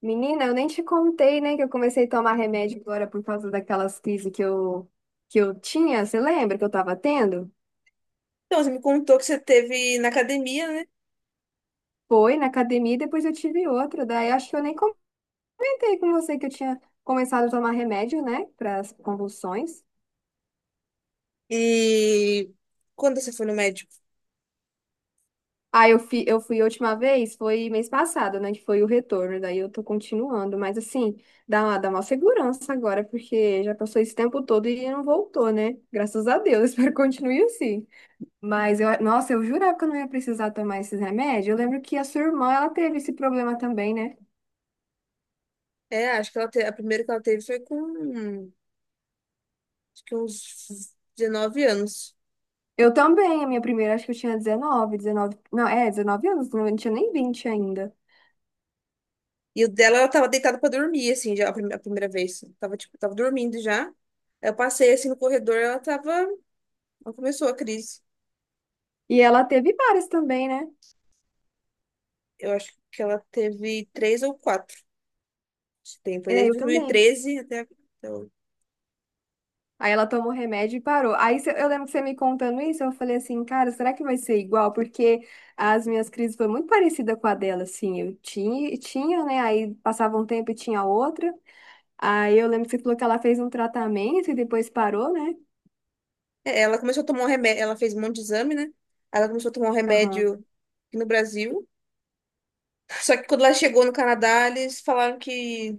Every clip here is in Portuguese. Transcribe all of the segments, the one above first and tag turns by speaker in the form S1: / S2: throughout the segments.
S1: Menina, eu nem te contei, né, que eu comecei a tomar remédio agora por causa daquelas crises que eu tinha. Você lembra que eu tava tendo?
S2: Então, você me contou que você teve na academia, né?
S1: Foi na academia e depois eu tive outra. Daí acho que eu nem comentei com você que eu tinha começado a tomar remédio, né, para as convulsões.
S2: E quando você foi no médico?
S1: Ah, eu fui a última vez, foi mês passado, né, que foi o retorno. Daí eu tô continuando, mas assim, dá uma segurança agora, porque já passou esse tempo todo e não voltou, né? Graças a Deus, espero que continue assim. Mas eu, nossa, eu jurava que eu não ia precisar tomar esses remédios. Eu lembro que a sua irmã, ela teve esse problema também, né?
S2: É, acho que ela a primeira que ela teve foi com acho que uns 19 anos.
S1: Eu também, a minha primeira, acho que eu tinha 19 anos, não, eu não tinha nem vinte ainda.
S2: E o dela, ela tava deitada pra dormir, assim, já a primeira vez. Tava, tipo, tava dormindo já. Aí eu passei, assim, no corredor, ela tava. Ela começou a crise.
S1: E ela teve várias também, né?
S2: Eu acho que ela teve três ou quatro. Esse tempo, foi
S1: É,
S2: desde
S1: eu também.
S2: 2013 até hoje.
S1: Aí ela tomou remédio e parou. Aí eu lembro que você me contando isso, eu falei assim, cara, será que vai ser igual? Porque as minhas crises foram muito parecidas com a dela, assim. Eu tinha, tinha, né? Aí passava um tempo e tinha outra. Aí eu lembro que você falou que ela fez um tratamento e depois parou, né?
S2: É, ela começou a tomar um remédio, ela fez um monte de exame, né? Aí ela começou a tomar um
S1: Aham.
S2: remédio aqui no Brasil. Só que quando ela chegou no Canadá, eles falaram que,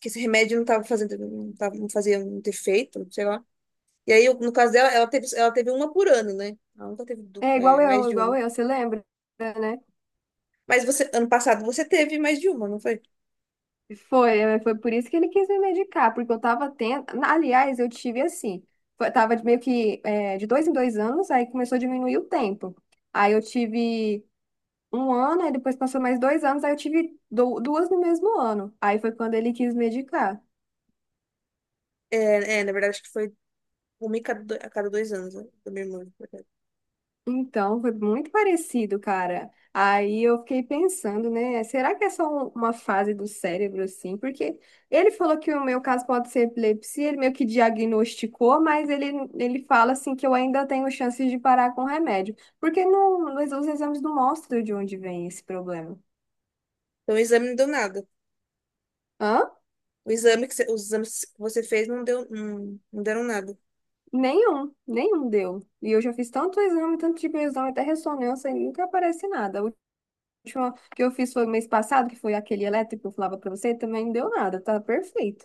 S2: que esse remédio não estava fazendo, não tava, não fazia muito efeito, sei lá. E aí, no caso dela, ela teve uma por ano, né? Ela nunca teve
S1: É
S2: mais de
S1: igual
S2: uma.
S1: eu, você lembra, né?
S2: Mas você, ano passado você teve mais de uma, não foi?
S1: Foi por isso que ele quis me medicar, porque eu tava tendo. Aliás, eu tive assim, tava de meio que de dois em dois anos, aí começou a diminuir o tempo. Aí eu tive um ano, aí depois passou mais 2 anos, aí eu tive duas no mesmo ano. Aí foi quando ele quis medicar.
S2: É, na verdade, acho que foi uma a cada dois anos, né? Da minha irmã.
S1: Então, foi muito parecido, cara. Aí eu fiquei pensando, né? Será que é só uma fase do cérebro, assim? Porque ele falou que o meu caso pode ser epilepsia, ele meio que diagnosticou, mas ele fala, assim, que eu ainda tenho chances de parar com o remédio. Porque não, mas os exames não mostram de onde vem esse problema.
S2: Então, o exame não deu nada.
S1: Hã?
S2: O exame que você, os exames que você fez não deu, não, não deram nada.
S1: Nenhum, nenhum deu. E eu já fiz tanto exame, tanto tipo de exame, até ressonância, e nunca aparece nada. Última que eu fiz foi mês passado, que foi aquele elétrico que eu falava pra você, também não deu nada, tá perfeito.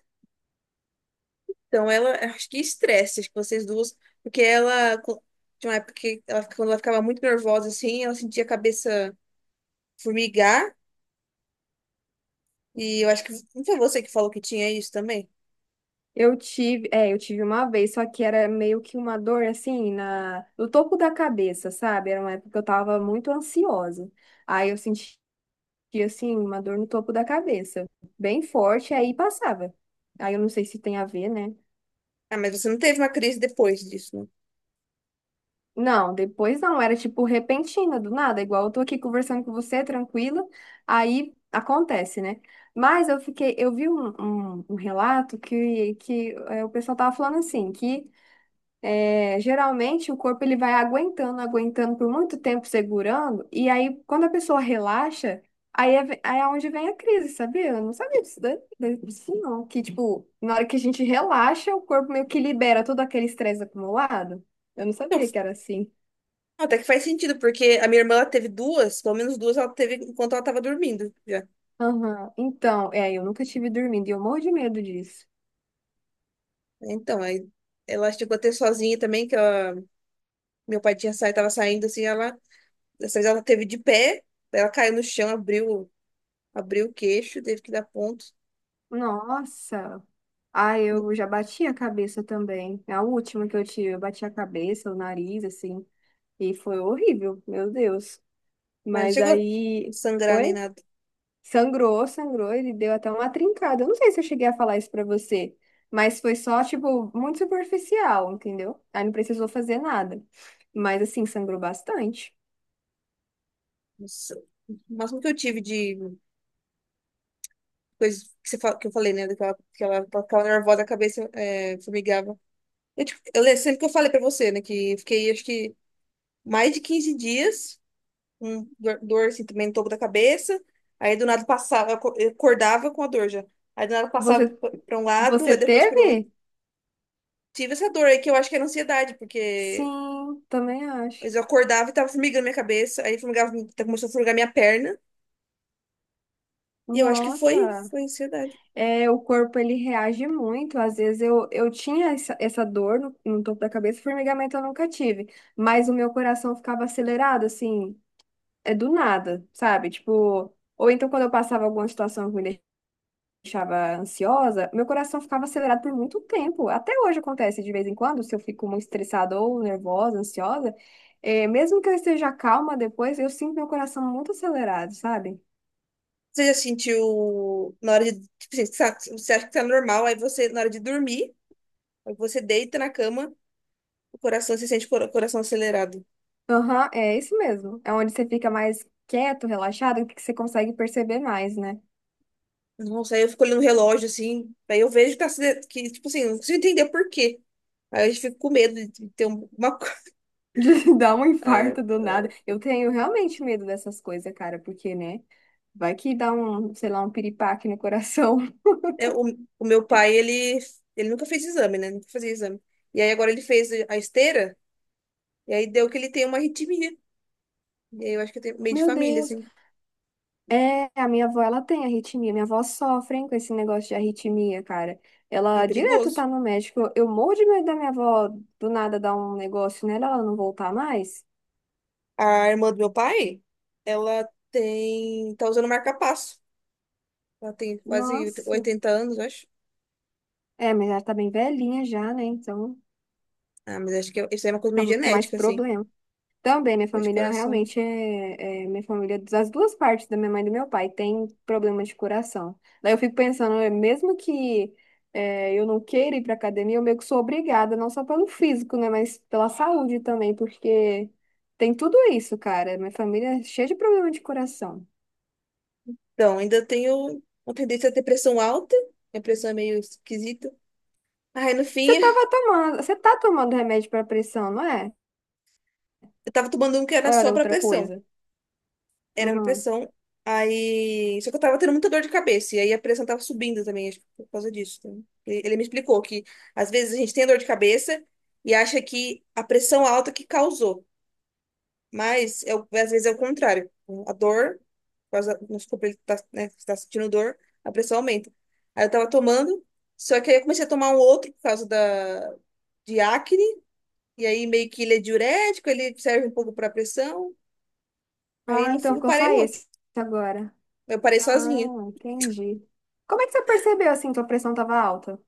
S2: Então, ela, acho que estresse, acho que vocês duas, porque ela, tinha uma época que ela, quando ela ficava muito nervosa, assim, ela sentia a cabeça formigar, e eu acho que não foi você que falou que tinha isso também?
S1: Eu tive uma vez, só que era meio que uma dor assim no topo da cabeça, sabe? Era uma época que eu tava muito ansiosa. Aí eu sentia assim uma dor no topo da cabeça, bem forte, aí passava. Aí eu não sei se tem a ver, né?
S2: Ah, mas você não teve uma crise depois disso, né?
S1: Não, depois não, era tipo repentina, do nada, igual eu tô aqui conversando com você, tranquila, aí acontece, né? Mas eu fiquei, eu vi um relato que o pessoal tava falando assim, que geralmente o corpo ele vai aguentando, aguentando por muito tempo segurando, e aí quando a pessoa relaxa, aí é onde vem a crise, sabia? Eu não sabia disso, disso não, que tipo, na hora que a gente relaxa, o corpo meio que libera todo aquele estresse acumulado. Eu não
S2: Então,
S1: sabia que era assim.
S2: até que faz sentido, porque a minha irmã, ela teve duas, pelo menos duas ela teve enquanto ela estava dormindo já.
S1: Aham. Então, eu nunca tive dormindo e eu morro de medo disso.
S2: Então, aí ela chegou a ter sozinha também, que ela, meu pai tinha saído, tava saindo, assim, ela, dessa vez ela teve de pé, ela caiu no chão, abriu o queixo, teve que dar ponto.
S1: Nossa. Ah, eu já bati a cabeça também. É. A última que eu tive, eu bati a cabeça, o nariz, assim, e foi horrível, meu Deus.
S2: Mas não
S1: Mas
S2: chegou a
S1: aí,
S2: sangrar nem
S1: foi?
S2: nada.
S1: Sangrou, sangrou, ele deu até uma trincada. Eu não sei se eu cheguei a falar isso pra você, mas foi só, tipo, muito superficial, entendeu? Aí não precisou fazer nada. Mas, assim, sangrou bastante.
S2: Nossa. O máximo que eu tive de coisa que, você, que eu falei, né? Daquela, que ela ficava nervosa da cabeça, formigava. Eu, tipo, eu lembro sempre que eu falei pra você, né? Que eu fiquei, acho que, mais de 15 dias com dor, assim, também no topo da cabeça. Aí, do nada, passava, eu acordava com a dor já. Aí, do nada, passava
S1: Você,
S2: pra um lado,
S1: você
S2: aí depois pro outro.
S1: teve?
S2: Tive essa dor aí, que eu acho que era ansiedade.
S1: Sim, também acho.
S2: Eu acordava e tava formigando minha cabeça, aí formigava, começou a formigar minha perna. E eu acho que foi,
S1: Nossa,
S2: foi ansiedade.
S1: o corpo ele reage muito. Às vezes eu tinha essa dor no topo da cabeça, formigamento eu nunca tive, mas o meu coração ficava acelerado, assim, do nada, sabe? Tipo, ou então quando eu passava alguma situação que me deixava ansiosa, meu coração ficava acelerado por muito tempo. Até hoje acontece de vez em quando, se eu fico muito estressada ou nervosa, ansiosa, mesmo que eu esteja calma depois, eu sinto meu coração muito acelerado, sabe?
S2: Você já sentiu na hora de, tipo, assim, você acha que tá normal, aí você, na hora de dormir, aí você deita na cama, o coração, você sente o coração acelerado.
S1: Aham, é isso mesmo. É onde você fica mais quieto, relaxado, que você consegue perceber mais, né?
S2: Nossa, aí eu fico olhando o relógio, assim, aí eu vejo que tá, que, tipo assim, eu não consigo entender por quê. Aí eu fico com medo de ter uma.
S1: De dar um
S2: Ah,
S1: infarto do nada. Eu tenho realmente medo dessas coisas, cara, porque, né? Vai que dá um, sei lá, um piripaque no coração.
S2: é, o, o meu pai, ele nunca fez exame, né? Nunca fazia exame. E aí agora ele fez a esteira, e aí deu que ele tem uma arritmia. E aí eu acho que tem meio de
S1: Meu
S2: família,
S1: Deus.
S2: assim,
S1: É, a minha avó, ela tem arritmia. Minha avó sofre, hein, com esse negócio de arritmia, cara.
S2: e é
S1: Ela direto
S2: perigoso.
S1: tá no médico. Eu morro de medo da minha avó do nada dar um negócio nela, ela não voltar mais.
S2: A irmã do meu pai, ela tá usando marca-passo. Ela tem quase
S1: Nossa.
S2: 80 anos, eu acho.
S1: É, mas ela tá bem velhinha já, né? Então.
S2: Ah, mas acho que isso é uma coisa meio
S1: Fica mais
S2: genética, assim,
S1: problema. Também, minha
S2: coisa de
S1: família
S2: coração.
S1: realmente é, minha família, é das duas partes, da minha mãe e do meu pai, tem problema de coração. Daí eu fico pensando, mesmo que eu não queira ir pra academia, eu meio que sou obrigada, não só pelo físico, né, mas pela saúde também, porque tem tudo isso, cara. Minha família é cheia de problema de coração.
S2: Então, ainda tenho uma tendência a ter pressão alta, minha pressão é meio esquisita. Aí, no
S1: Você
S2: fim,
S1: tava tomando, você tá tomando remédio pra pressão, não é?
S2: eu tava tomando um que era
S1: Ou
S2: só
S1: era
S2: pra
S1: outra
S2: pressão.
S1: coisa?
S2: Era pra
S1: Uhum.
S2: pressão. Aí, só que eu tava tendo muita dor de cabeça, e aí a pressão tava subindo também, acho que por causa disso. Então, ele me explicou que, às vezes, a gente tem dor de cabeça e acha que a pressão alta que causou. Mas eu, às vezes é o contrário. A dor, por causa, vamos supor, ele tá, né, tá sentindo dor, a pressão aumenta. Aí eu tava tomando, só que aí eu comecei a tomar um outro por causa da, de acne, e aí meio que ele é diurético, ele serve um pouco pra pressão. Aí
S1: Ah,
S2: no fim
S1: então
S2: eu
S1: ficou
S2: parei
S1: só
S2: o outro.
S1: esse agora.
S2: Eu parei sozinha.
S1: Ah, entendi. Como é que você percebeu assim que a pressão estava alta?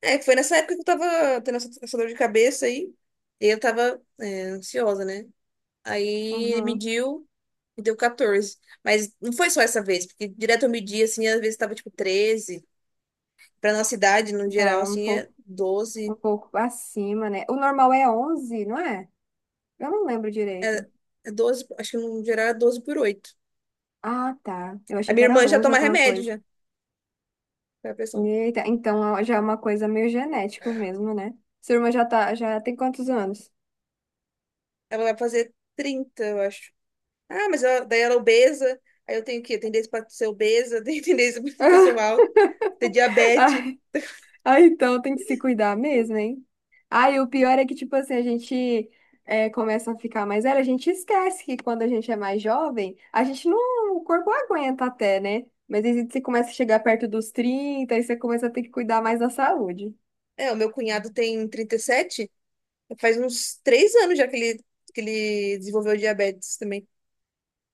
S2: É, foi nessa época que eu tava tendo essa dor de cabeça aí, e eu tava, ansiosa, né? Aí ele
S1: Uhum.
S2: mediu e deu 14. Mas não foi só essa vez, porque direto eu medi assim, às vezes tava tipo 13. Para nossa idade, no geral,
S1: Tá um
S2: assim, é
S1: pouco,
S2: 12.
S1: um pouco acima, né? O normal é onze, não é? Eu não lembro direito.
S2: É, é, 12, acho que no geral é 12 por 8.
S1: Ah, tá. Eu
S2: A
S1: achei que
S2: minha
S1: era
S2: irmã já
S1: 11
S2: toma
S1: alguma
S2: remédio
S1: coisa.
S2: já, pra pressão.
S1: Eita, então ó, já é uma coisa meio genético mesmo, né? Sua irmã já tem quantos anos?
S2: Ela vai fazer 30, eu acho. Ah, mas ela, daí ela é obesa. Aí eu tenho tendência pra ser obesa, tenho tendência para ser pressão alta, ter diabetes.
S1: Ah, então tem que se cuidar mesmo, hein? Ah, e o pior é que, tipo assim, a gente começa a ficar mais velho, a gente esquece que quando a gente é mais jovem, a gente não, o corpo aguenta até, né? Mas aí você começa a chegar perto dos 30, aí você começa a ter que cuidar mais da saúde.
S2: É, o meu cunhado tem 37, faz uns 3 anos já que ele, desenvolveu diabetes também.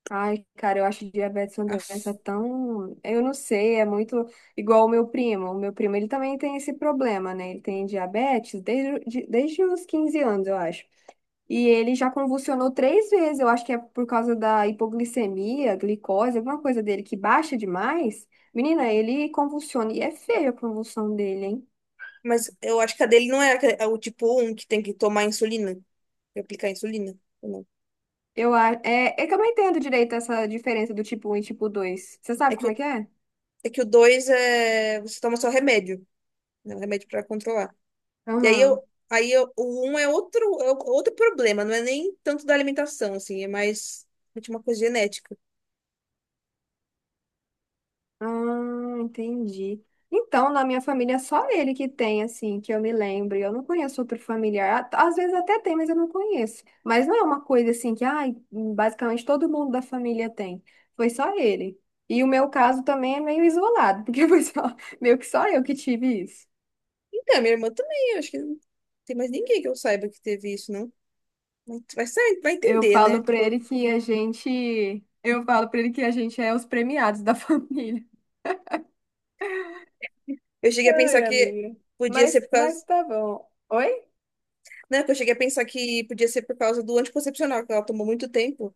S1: Ai, cara, eu acho diabetes uma
S2: Aff.
S1: doença tão. Eu não sei, é muito igual o meu primo. O meu primo, ele também tem esse problema, né? Ele tem diabetes desde os 15 anos, eu acho. E ele já convulsionou 3 vezes. Eu acho que é por causa da hipoglicemia, glicose, alguma coisa dele que baixa demais. Menina, ele convulsiona. E é feia a convulsão dele, hein?
S2: Mas eu acho que a dele não é, é o tipo um que tem que tomar insulina, que é aplicar insulina. Ou não?
S1: É que eu não entendo direito essa diferença do tipo um e tipo dois. Você
S2: É
S1: sabe como é
S2: que,
S1: que é?
S2: É que o 2 é. Você toma só remédio, né? Um remédio pra controlar. E aí eu.
S1: Aham.
S2: Aí eu, o um é outro problema, não é nem tanto da alimentação, assim, é mais de uma coisa genética.
S1: Ah, entendi. Então, na minha família, é só ele que tem, assim, que eu me lembro. Eu não conheço outro familiar. Às vezes até tem, mas eu não conheço. Mas não é uma coisa assim que, ai, basicamente todo mundo da família tem. Foi só ele. E o meu caso também é meio isolado, porque foi só, meio que só eu que tive isso.
S2: Então, minha irmã também, eu acho que não tem mais ninguém que eu saiba que teve isso, não. Mas vai
S1: Eu
S2: entender,
S1: falo
S2: né?
S1: pra
S2: Por-
S1: ele que a gente, eu falo pra ele que a gente é os premiados da família.
S2: eu cheguei a pensar
S1: Ai,
S2: que
S1: amiga.
S2: podia
S1: Mas,
S2: ser por
S1: mas
S2: causa.
S1: tá bom. Oi?
S2: Não, que eu cheguei a pensar que podia ser por causa do anticoncepcional, que ela tomou muito tempo.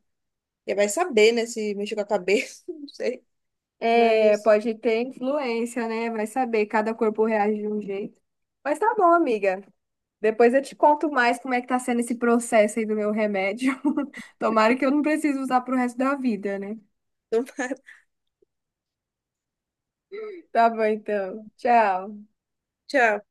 S2: E vai saber, né, se mexeu com a cabeça, não sei.
S1: É,
S2: Mas.
S1: pode ter influência, né? Vai saber, cada corpo reage de um jeito. Mas tá bom, amiga. Depois eu te conto mais como é que tá sendo esse processo aí do meu remédio. Tomara que eu não precise usar pro resto da vida, né?
S2: Então,
S1: Tá bom, então. Tchau.
S2: tchau.